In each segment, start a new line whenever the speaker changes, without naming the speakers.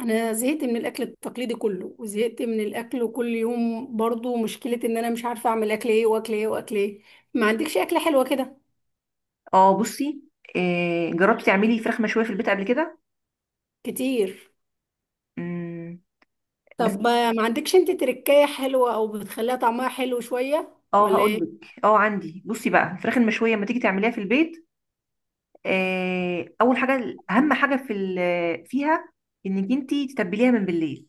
انا زهقت من الاكل التقليدي كله، وزهقت من الاكل كل يوم برضو. مشكلة ان انا مش عارفة اعمل اكل ايه، واكل ايه، واكل ايه. ما عندكش اكلة حلوة كده؟
اه بصي. جربتي تعملي فراخ مشويه في البيت قبل كده؟
كتير.
مم. بس.
طب ما عندكش انت تركاية حلوة او بتخليها طعمها حلو شوية،
اه
ولا
هقول
ايه؟
لك، عندي. بصي بقى الفراخ المشويه لما تيجي تعمليها في البيت، اول حاجه اهم حاجه فيها انك انت تتبليها من بالليل،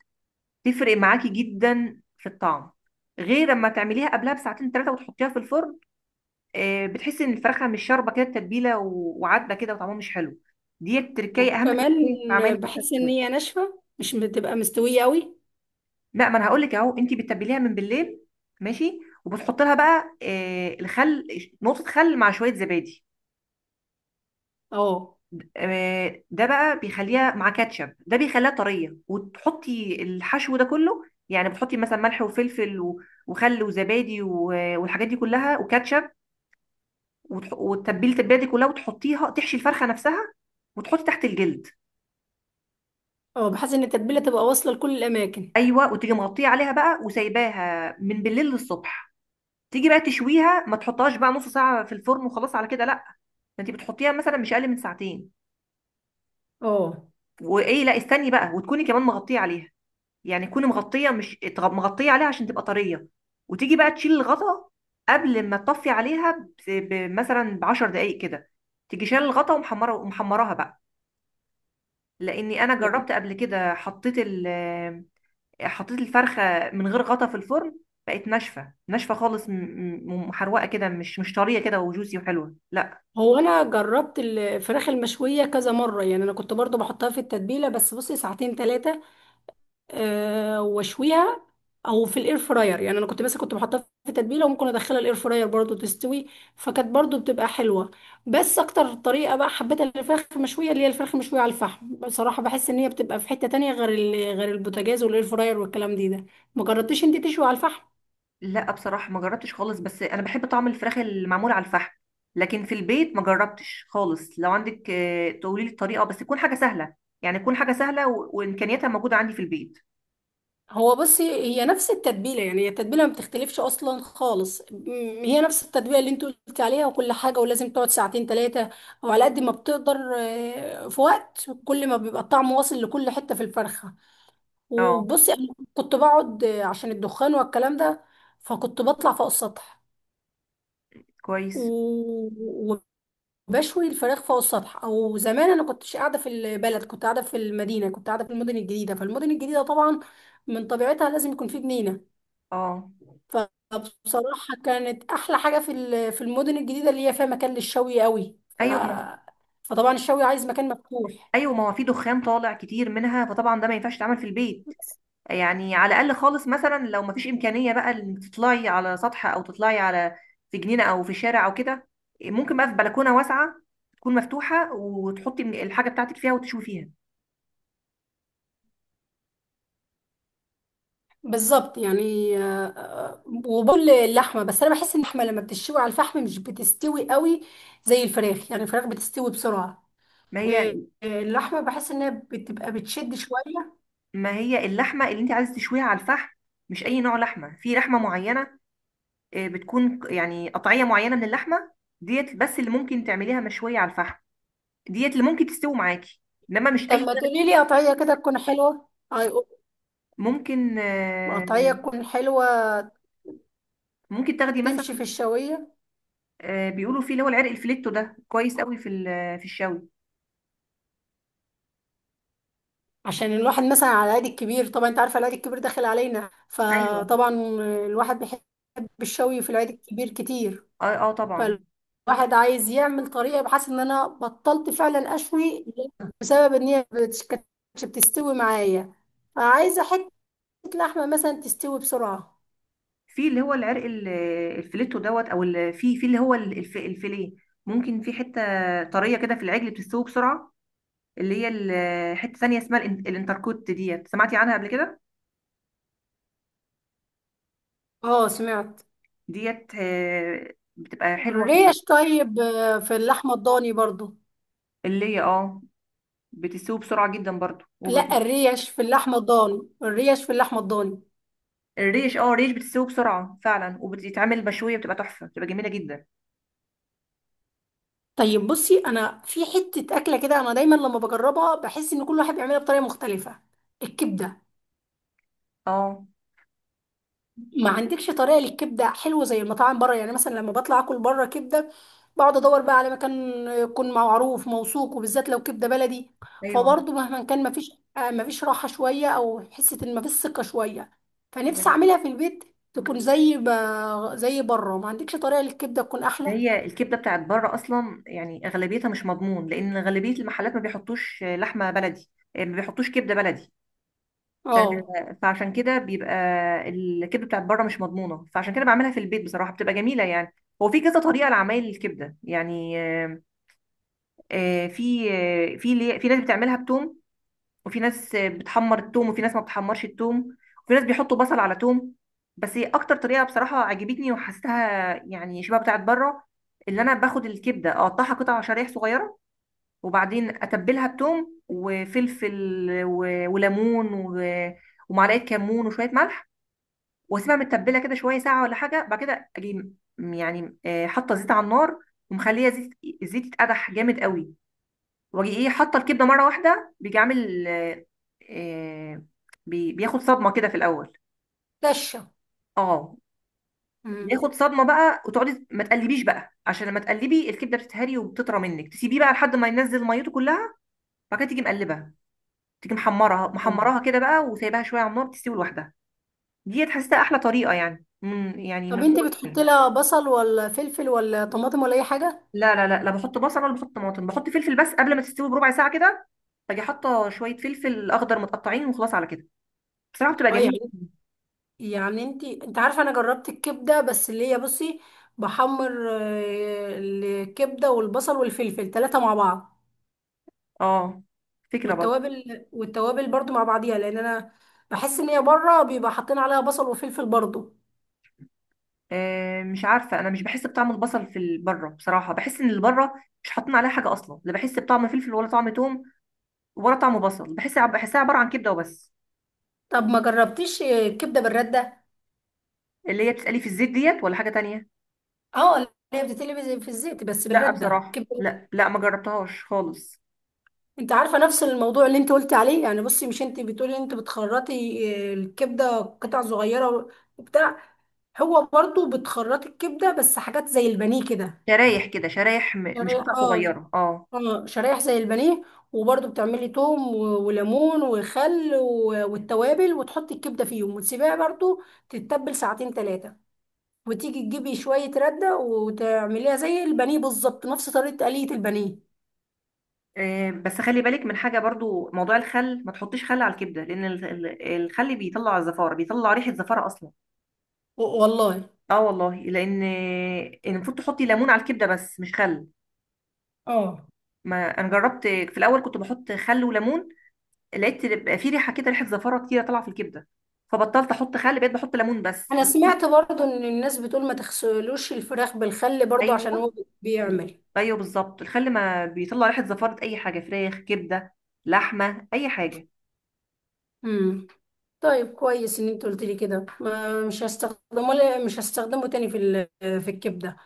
تفرق معاكي جدا في الطعم غير لما تعمليها قبلها بساعتين ثلاثه وتحطيها في الفرن. بتحسي ان الفرخه مش شاربه كده التتبيله وعدبه كده وطعمها مش حلو. دي التركية اهم تركية
وكمان
في عمل الفراخ
بحس ان
المشوية.
هي ناشفة، مش بتبقى مستوية قوي.
لا، ما انا هقول لك اهو، انت بتتبليها من بالليل، ماشي، وبتحط لها بقى الخل، نقطه خل مع شويه زبادي.
اه
ده بقى بيخليها مع كاتشب، ده بيخليها طريه، وتحطي الحشو ده كله. يعني بتحطي مثلا ملح وفلفل وخل وزبادي والحاجات دي كلها وكاتشب، وتتبلي التتبيله دي كلها وتحطيها تحشي الفرخه نفسها وتحطي تحت الجلد.
اه. بحس ان التتبيلة تبقى واصلة لكل الاماكن.
ايوه، وتيجي مغطيه عليها بقى وسايباها من بالليل للصبح. تيجي بقى تشويها، ما تحطهاش بقى نص ساعه في الفرن وخلاص على كده، لا. انت بتحطيها مثلا مش اقل من ساعتين.
اه.
وايه، لا استني بقى، وتكوني كمان مغطيه عليها. يعني تكوني مغطيه، مش اتغ- مغطيه عليها عشان تبقى طريه. وتيجي بقى تشيل الغطا قبل ما تطفي عليها مثلا ب 10 دقائق كده. تيجي شايله الغطا ومحمره، ومحمراها بقى. لاني انا جربت قبل كده، حطيت الفرخه من غير غطا في الفرن، بقت ناشفه ناشفه خالص، ومحروقه كده، مش طريه كده وجوسي وحلوه، لا.
هو انا جربت الفراخ المشويه كذا مره. يعني انا كنت برضو بحطها في التتبيله بس بصي ساعتين ثلاثه، واشويها. او في الاير فراير. يعني انا كنت، بس كنت بحطها في تتبيله، وممكن ادخلها الاير فراير برضو تستوي، فكانت برضو بتبقى حلوه. بس اكتر طريقه بقى حبيتها للفراخ المشويه اللي هي الفراخ المشويه على الفحم. بصراحه بحس ان هي بتبقى في حته تانية غير غير البوتاجاز والاير فراير والكلام دي ده. ما جربتيش انت تشوي على الفحم؟
لا بصراحة ما جربتش خالص، بس أنا بحب طعم الفراخ المعمول على الفحم. لكن في البيت ما جربتش خالص. لو عندك تقولي لي الطريقة، بس تكون حاجة سهلة. يعني تكون حاجة سهلة وإمكانياتها موجودة عندي في البيت.
هو بصي هي نفس التتبيله. يعني هي التتبيله ما بتختلفش اصلا خالص، هي نفس التتبيله اللي انت قلت عليها وكل حاجه. ولازم تقعد ساعتين ثلاثه، او على قد ما بتقدر، في وقت كل ما بيبقى الطعم واصل لكل حته في الفرخه.
اه.
وبصي انا كنت بقعد، عشان الدخان والكلام ده، فكنت بطلع فوق السطح
كويس.
و- وبشوي الفراخ فوق السطح. او زمان انا كنتش قاعده في البلد، كنت قاعده في المدينه، كنت قاعده في المدن الجديده. فالمدن الجديده طبعا من طبيعتها لازم يكون في جنينه.
اه.
فبصراحة كانت أحلى حاجة في في المدن الجديدة اللي هي فيها مكان للشوي قوي،
أيوة ما،
فطبعا الشوي عايز مكان مفتوح.
أيوة ما هو في دخان طالع كتير منها، فطبعا ده ما ينفعش يتعمل في البيت. يعني على الأقل خالص، مثلا لو ما فيش إمكانية بقى إنك تطلعي على سطح أو تطلعي على، في جنينة أو في شارع أو كده. ممكن بقى في بلكونة واسعة تكون مفتوحة، وتحطي الحاجة بتاعتك فيها وتشوي فيها.
بالظبط. يعني وبقول اللحمة. بس أنا بحس إن اللحمة لما بتشوي على الفحم مش بتستوي قوي زي الفراخ. يعني الفراخ بتستوي بسرعة.
ما هي
آه، اللحمة بحس إنها بتبقى بتشد شوية.
ما هي اللحمه اللي انت عايزه تشويها على الفحم، مش اي نوع لحمه. في لحمه معينه، بتكون يعني قطعيه معينه من اللحمه ديت، بس اللي ممكن تعمليها مشويه على الفحم، ديت اللي ممكن تستوي معاكي. انما مش
طب
اي.
ما تقولي لي قطعية كده تكون حلوة. أي-
ممكن.
قطعية تكون حلوة
ممكن تاخدي مثلا،
تمشي في الشوية.
بيقولوا فيه اللي هو العرق الفليتو ده، كويس قوي في الشوي.
عشان الواحد مثلا على العيد الكبير. طبعا انت عارفه العيد الكبير داخل علينا،
ايوه.
فطبعا الواحد بيحب الشوي في العيد الكبير كتير.
اه اه طبعا.
فالواحد عايز يعمل طريقه، بحيث ان انا بطلت فعلا اشوي بسبب ان هي كانتش بتستوي معايا. فعايزه حته لحمه مثلا تستوي بسرعه.
في اللي هو العرق الفليتو دوت، في في اللي هو الفيليه. ممكن، في حته طريه كده في العجل بتستوي بسرعه، اللي هي حتة تانية اسمها الانتركوت ديت، سمعتي عنها قبل كده؟
اه سمعت.
ديت بتبقى حلوة
الريش. طيب في اللحمه الضاني برضو.
اللي هي اه بتسوي بسرعة جدا برضو
لا، الريش في اللحمه الضاني، الريش في اللحمه الضاني.
الريش اه، الريش بتسوي بسرعة فعلا وبتتعمل مشوية بتبقى تحفة بتبقى جميلة جدا.
طيب بصي انا في حته اكله كده انا دايما لما بجربها بحس ان كل واحد بيعملها بطريقه مختلفه. الكبده.
اه.
ما عندكش طريقه للكبده حلوه زي المطاعم بره؟ يعني مثلا لما بطلع اكل بره كبده بقعد ادور بقى على مكان يكون معروف موثوق، وبالذات لو كبده بلدي.
ايوه.
فبرضه مهما كان ما فيش، ما فيش راحه شويه، او حسه ان ما فيش ثقه شويه. فنفسي اعملها في البيت، تكون زي زي بره. ما عندكش طريقه للكبده تكون احلى؟
ده هي الكبدة بتاعت بره اصلا، يعني اغلبيتها مش مضمون. لان غالبية المحلات ما بيحطوش لحمة بلدي، ما بيحطوش كبدة بلدي. ف-
اه.
فعشان كده بيبقى الكبده بتاعت بره مش مضمونه، فعشان كده بعملها في البيت بصراحه بتبقى جميله يعني. هو في كذا طريقه لعمايل الكبده، يعني في ناس بتعملها بتوم، وفي ناس بتحمر التوم، وفي ناس ما بتحمرش التوم، وفي ناس بيحطوا بصل على توم. بس هي اكتر طريقه بصراحه عجبتني وحسيتها يعني شبه بتاعت بره، اللي انا باخد الكبده اقطعها قطع، شرايح صغيره، وبعدين اتبلها بتوم وفلفل و... وليمون و... ومعلقه كمون وشويه ملح، واسيبها متبله كده شويه ساعه ولا حاجه. بعد كده اجي يعني، حاطه زيت على النار ومخليه زيت، الزيت يتقدح جامد قوي، واجي ايه حاطه الكبده مره واحده. بيجي عامل آه، بياخد صدمه كده في الاول.
دشه.
اه، بياخد صدمه بقى وتقعدي ما تقلبيش بقى، عشان لما تقلبي الكبده بتتهري وبتطرى منك. تسيبيه بقى لحد ما ينزل ميته كلها، بعد كده تيجي مقلبه، تيجي محمرها،
مم.
محمراها كده بقى وسايباها شويه على النار تستوي لوحدها. ديت حاسه احلى طريقه، يعني
طب
من
انت
فوق
بتحط
التاني.
لها بصل ولا فلفل ولا طماطم ولا اي حاجه؟
لا لا لا لا، بحط بصل ولا بحط طماطم، بحط فلفل بس قبل ما تستوي بربع ساعه كده، باجي حاطه شويه فلفل اخضر متقطعين وخلاص على كده، بصراحه بتبقى
اه.
جميله.
يعني يعني انت عارفه، انا جربت الكبده، بس اللي هي بصي بحمر الكبده والبصل والفلفل ثلاثه مع بعض.
اه، فكره برضه.
والتوابل برضو مع بعضيها، لان انا بحس ان هي بره بيبقى حاطين عليها بصل وفلفل برضو.
مش عارفه، انا مش بحس بطعم البصل بره. بصراحه بحس ان اللي بره مش حاطين عليها حاجه اصلا، لا بحس بطعم فلفل ولا طعم توم ولا طعم بصل، بحس بحسها عباره عن كبده وبس.
طب ما جربتيش كبده بالرده؟
اللي هي بتسالي في الزيت ديت، ولا حاجه تانية؟
اه، اللي هي بتتقلي في الزيت بس
لا
بالرده
بصراحة،
كبده.
لا لا ما جربتهاش خالص.
انت عارفه نفس الموضوع اللي انت قلتي عليه؟ يعني بصي، مش انت بتقولي انت بتخرطي الكبده قطع صغيره وبتاع. هو برضو بتخرطي الكبده بس حاجات زي البانيه كده،
شرايح كده شرايح مش
شرايح.
قطع
اه
صغيرة، اه.
اه شرايح زي البانيه. وبرضو بتعملي توم وليمون وخل والتوابل وتحطي الكبده فيهم وتسيبيها برضو تتبل ساعتين ثلاثه. وتيجي تجيبي شويه رده وتعمليها زي البانيه بالظبط، نفس طريقه آلية البانيه.
إيه، بس خلي بالك من حاجة برضو، موضوع الخل ما تحطيش خل على الكبدة، لأن الخل بيطلع الزفارة، بيطلع ريحة زفارة أصلا.
والله.
اه والله، إن المفروض تحطي ليمون على الكبدة بس مش خل.
اه.
ما أنا جربت في الأول كنت بحط خل وليمون، لقيت بقى في ريحة كده، ريحة زفارة كتيرة طالعة في الكبدة، فبطلت أحط خل، بقيت بحط ليمون بس.
انا سمعت برضو ان الناس بتقول ما تغسلوش الفراخ بالخل برضو
أيوه.
عشان هو
مم.
بيعمل.
ايوه بالظبط، الخل ما بيطلع ريحه زفاره اي حاجه، فراخ، كبده، لحمه، اي حاجه.
امم. طيب كويس ان انت قلت لي كده. ما مش هستخدمه، لا مش هستخدمه تاني في في الكبده.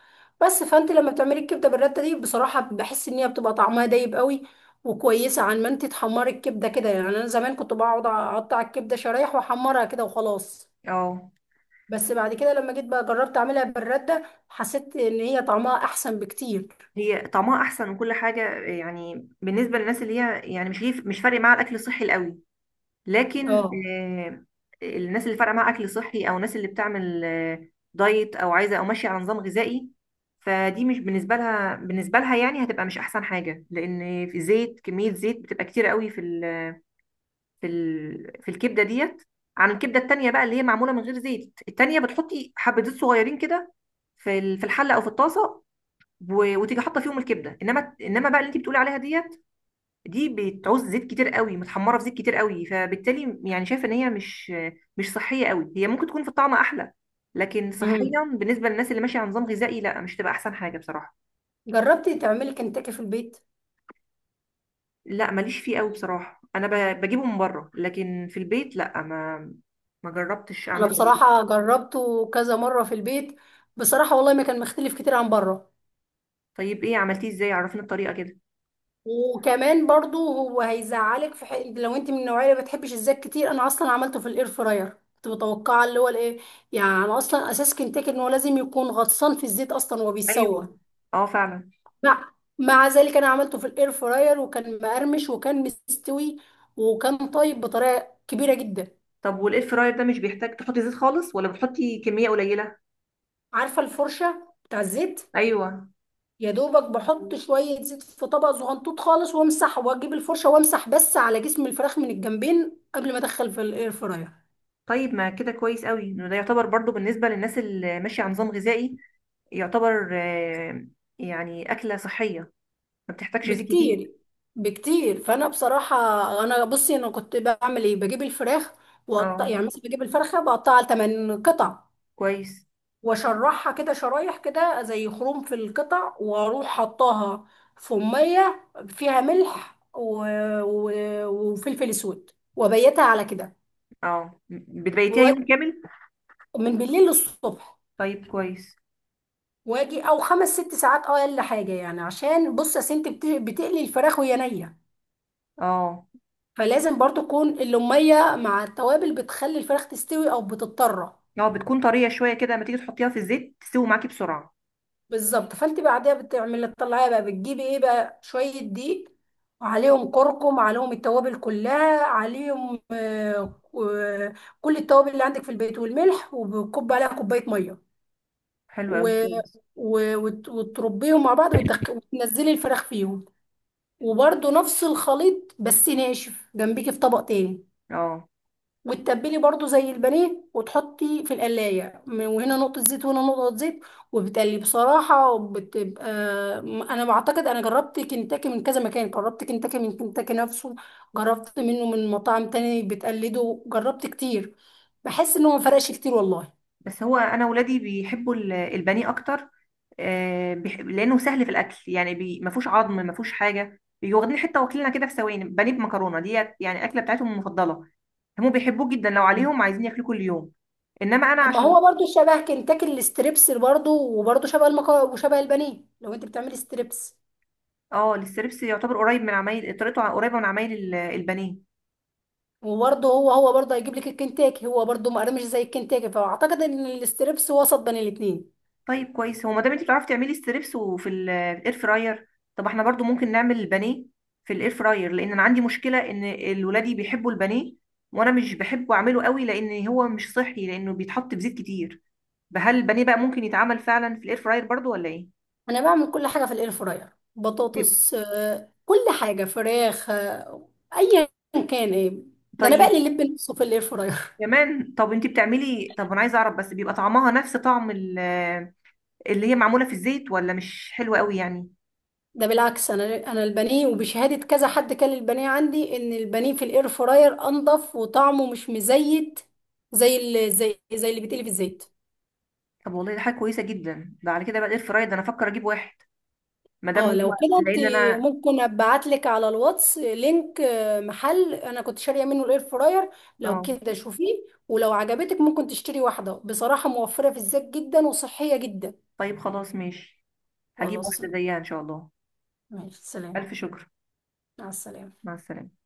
بس فانت لما بتعملي الكبده بالرده دي بصراحه بحس ان هي بتبقى طعمها دايب قوي، وكويسه عن ما انت تحمري الكبده كده. يعني انا زمان كنت بقعد اقطع الكبده شرايح واحمرها كده وخلاص،
اه.
بس بعد كده لما جيت بقى جربت اعملها بالرده حسيت ان هي طعمها احسن بكتير.
هي طعمها احسن وكل حاجه، يعني بالنسبه للناس اللي هي يعني مش ليه، مش فارق معاها الاكل الصحي القوي. لكن
اه.
الناس اللي فارقه معاها اكل صحي، او الناس اللي بتعمل دايت، او عايزه او ماشيه على نظام غذائي، فدي مش بالنسبه لها. بالنسبه لها يعني هتبقى مش احسن حاجه، لان في زيت، كميه زيت بتبقى كتير قوي في الكبده ديت عن الكبده التانيه بقى اللي هي معموله من غير زيت. التانيه بتحطي حبه زيت صغيرين كده في الحله او في الطاسه، و... وتيجي حاطه فيهم الكبده. انما بقى اللي انت بتقولي عليها ديت، دي بتعوز زيت كتير قوي، متحمره في زيت كتير قوي، فبالتالي يعني شايفه ان هي مش صحيه قوي. هي ممكن تكون في الطعم احلى، لكن صحيا بالنسبه للناس اللي ماشيه على نظام غذائي لا، مش تبقى احسن حاجه بصراحه.
جربتي تعملي كنتاكي في البيت؟
لا ماليش فيه قوي بصراحه، انا بجيبه من بره، لكن في البيت لا، ما جربتش
انا
اعمله قبل كده.
بصراحه جربته كذا مره في البيت. بصراحه والله ما كان مختلف كتير عن بره.
طيب ايه، عملتيه ازاي؟ عرفينا الطريقه كده.
وكمان برضو هو هيزعلك في حق لو انت من النوعيه اللي ما بتحبش الزيت كتير. انا اصلا عملته في الاير فراير. كنت متوقعه اللي هو الايه. يعني أنا اصلا اساس كنتاكي ان هو لازم يكون غطسان في الزيت اصلا وهو بيتسوى.
ايوه. اه فعلا.
مع ذلك انا عملته في الاير فراير، وكان مقرمش وكان مستوي وكان طيب بطريقه كبيره جدا.
طب والاير فراير ده مش بيحتاج تحطي زيت خالص، ولا بتحطي كميه قليله؟
عارفه الفرشه بتاع الزيت؟
ايوه.
يا دوبك بحط شوية زيت في طبق صغنطوط خالص، وامسح واجيب الفرشة وامسح بس على جسم الفراخ من الجنبين قبل ما ادخل في الاير فراير.
طيب ما كده كويس قوي، انه ده يعتبر برضو بالنسبه للناس اللي ماشيه على نظام غذائي، يعتبر يعني اكله صحيه، ما بتحتاجش زيت كتير.
بكتير، بكتير. فانا بصراحة، انا كنت بعمل ايه. بجيب الفراخ وقطع،
اه.
يعني مثلا بجيب الفرخة بقطعها لتمن قطع،
كويس.
واشرحها كده شرايح كده زي خروم في القطع، واروح حطاها في مية فيها ملح و... وفلفل اسود، وبيتها على كده
اه، بتبيتيها يوم
و-
كامل؟
من بالليل للصبح.
طيب كويس.
واجي او خمس ست ساعات اه اقل حاجه. يعني عشان بص يا سنت بتقلي الفراخ وهي نيه،
اه.
فلازم برضو تكون اللوميه مع التوابل بتخلي الفراخ تستوي، او بتضطر.
اه، بتكون طريه شويه كده، لما تيجي تحطيها في الزيت تستوي معاكي بسرعه.
بالظبط. فانت بعدها بتعملي تطلعيها بقى، بتجيبي ايه بقى شويه دقيق وعليهم كركم عليهم التوابل كلها عليهم، كل التوابل اللي عندك في البيت والملح، وبكب عليها كوبايه ميه
حلو
و...
قوي، كويس.
وتربيهم مع بعض، وتنزلي الفراخ فيهم، وبرده نفس الخليط بس ناشف جنبيكي في طبق تاني.
اه.
وتتبلي برضو زي البانيه وتحطي في القلاية، وهنا نقطة زيت وهنا نقطة زيت. وبتقلي بصراحة بتبقى. أنا بعتقد أنا جربت كنتاكي من كذا مكان، جربت كنتاكي من كنتاكي نفسه، جربت منه من مطاعم تاني بتقلده، جربت كتير. بحس إنه ما فرقش كتير والله.
بس هو انا ولادي بيحبوا البانيه اكتر، لانه سهل في الاكل. يعني ما فيهوش عظم، ما فيهوش حاجه، بيجوا واخدين حته واكلينها كده في ثواني. بانيه بمكرونه ديت يعني اكله بتاعتهم المفضله، هم بيحبوه جدا، لو عليهم عايزين ياكلوه كل يوم. انما انا
طب ما
عشان.
هو برضو شبه كنتاكي. الستريبس برضو، وبرضو شبه المكرونة وشبه البانيه لو أنت بتعملي ستريبس.
اه. الستريبس يعتبر قريب، من عمايل طريقته قريبه من عمايل البانيه.
وبرضه هو برضه هيجيب لك الكنتاكي. هو برضه مقرمش، مش زي الكنتاكي. فاعتقد ان الاستريبس وسط بين الاتنين.
طيب كويس. هو ما دام انت بتعرفي تعملي ستريبس وفي الاير فراير، طب احنا برضو ممكن نعمل البانيه في الاير فراير. لان انا عندي مشكله ان الولادي بيحبوا البانيه، وانا مش بحبه اعمله قوي لان هو مش صحي، لانه بيتحط بزيت كتير. فهل البانيه بقى ممكن يتعمل فعلا في الاير فراير برضو ولا ايه؟
انا بعمل كل حاجه في الاير فراير.
بيب-
بطاطس كل حاجه، فراخ ايا كان ايه. ده انا
طيب.
بقلي اللب نفسه في الاير فراير
كمان. طب انت بتعملي. طب انا عايزه اعرف بس، بيبقى طعمها نفس طعم اللي هي معموله في الزيت، ولا مش حلوه قوي يعني؟
ده بالعكس، انا البانيه وبشهاده كذا حد كان البانيه عندي ان البانيه في الاير فراير انضف وطعمه مش مزيت، زي اللي، زي اللي بيتقلي في الزيت.
طب والله ده حاجه كويسه جدا. ده على كده بقى الاير فراير ده انا افكر اجيب واحد، ما دام
اه
هو،
لو كده انت
لان انا.
ممكن ابعت لك على الواتس لينك محل انا كنت شاريه منه الاير فراير. لو
اه.
كده شوفيه ولو عجبتك ممكن تشتري واحده. بصراحه موفره في الزيت جدا وصحيه جدا.
طيب خلاص، ماشي. هجيب
خلاص،
واحدة زيها ان شاء الله.
ماشي. سلام.
ألف شكر.
مع السلامه.
مع السلامة.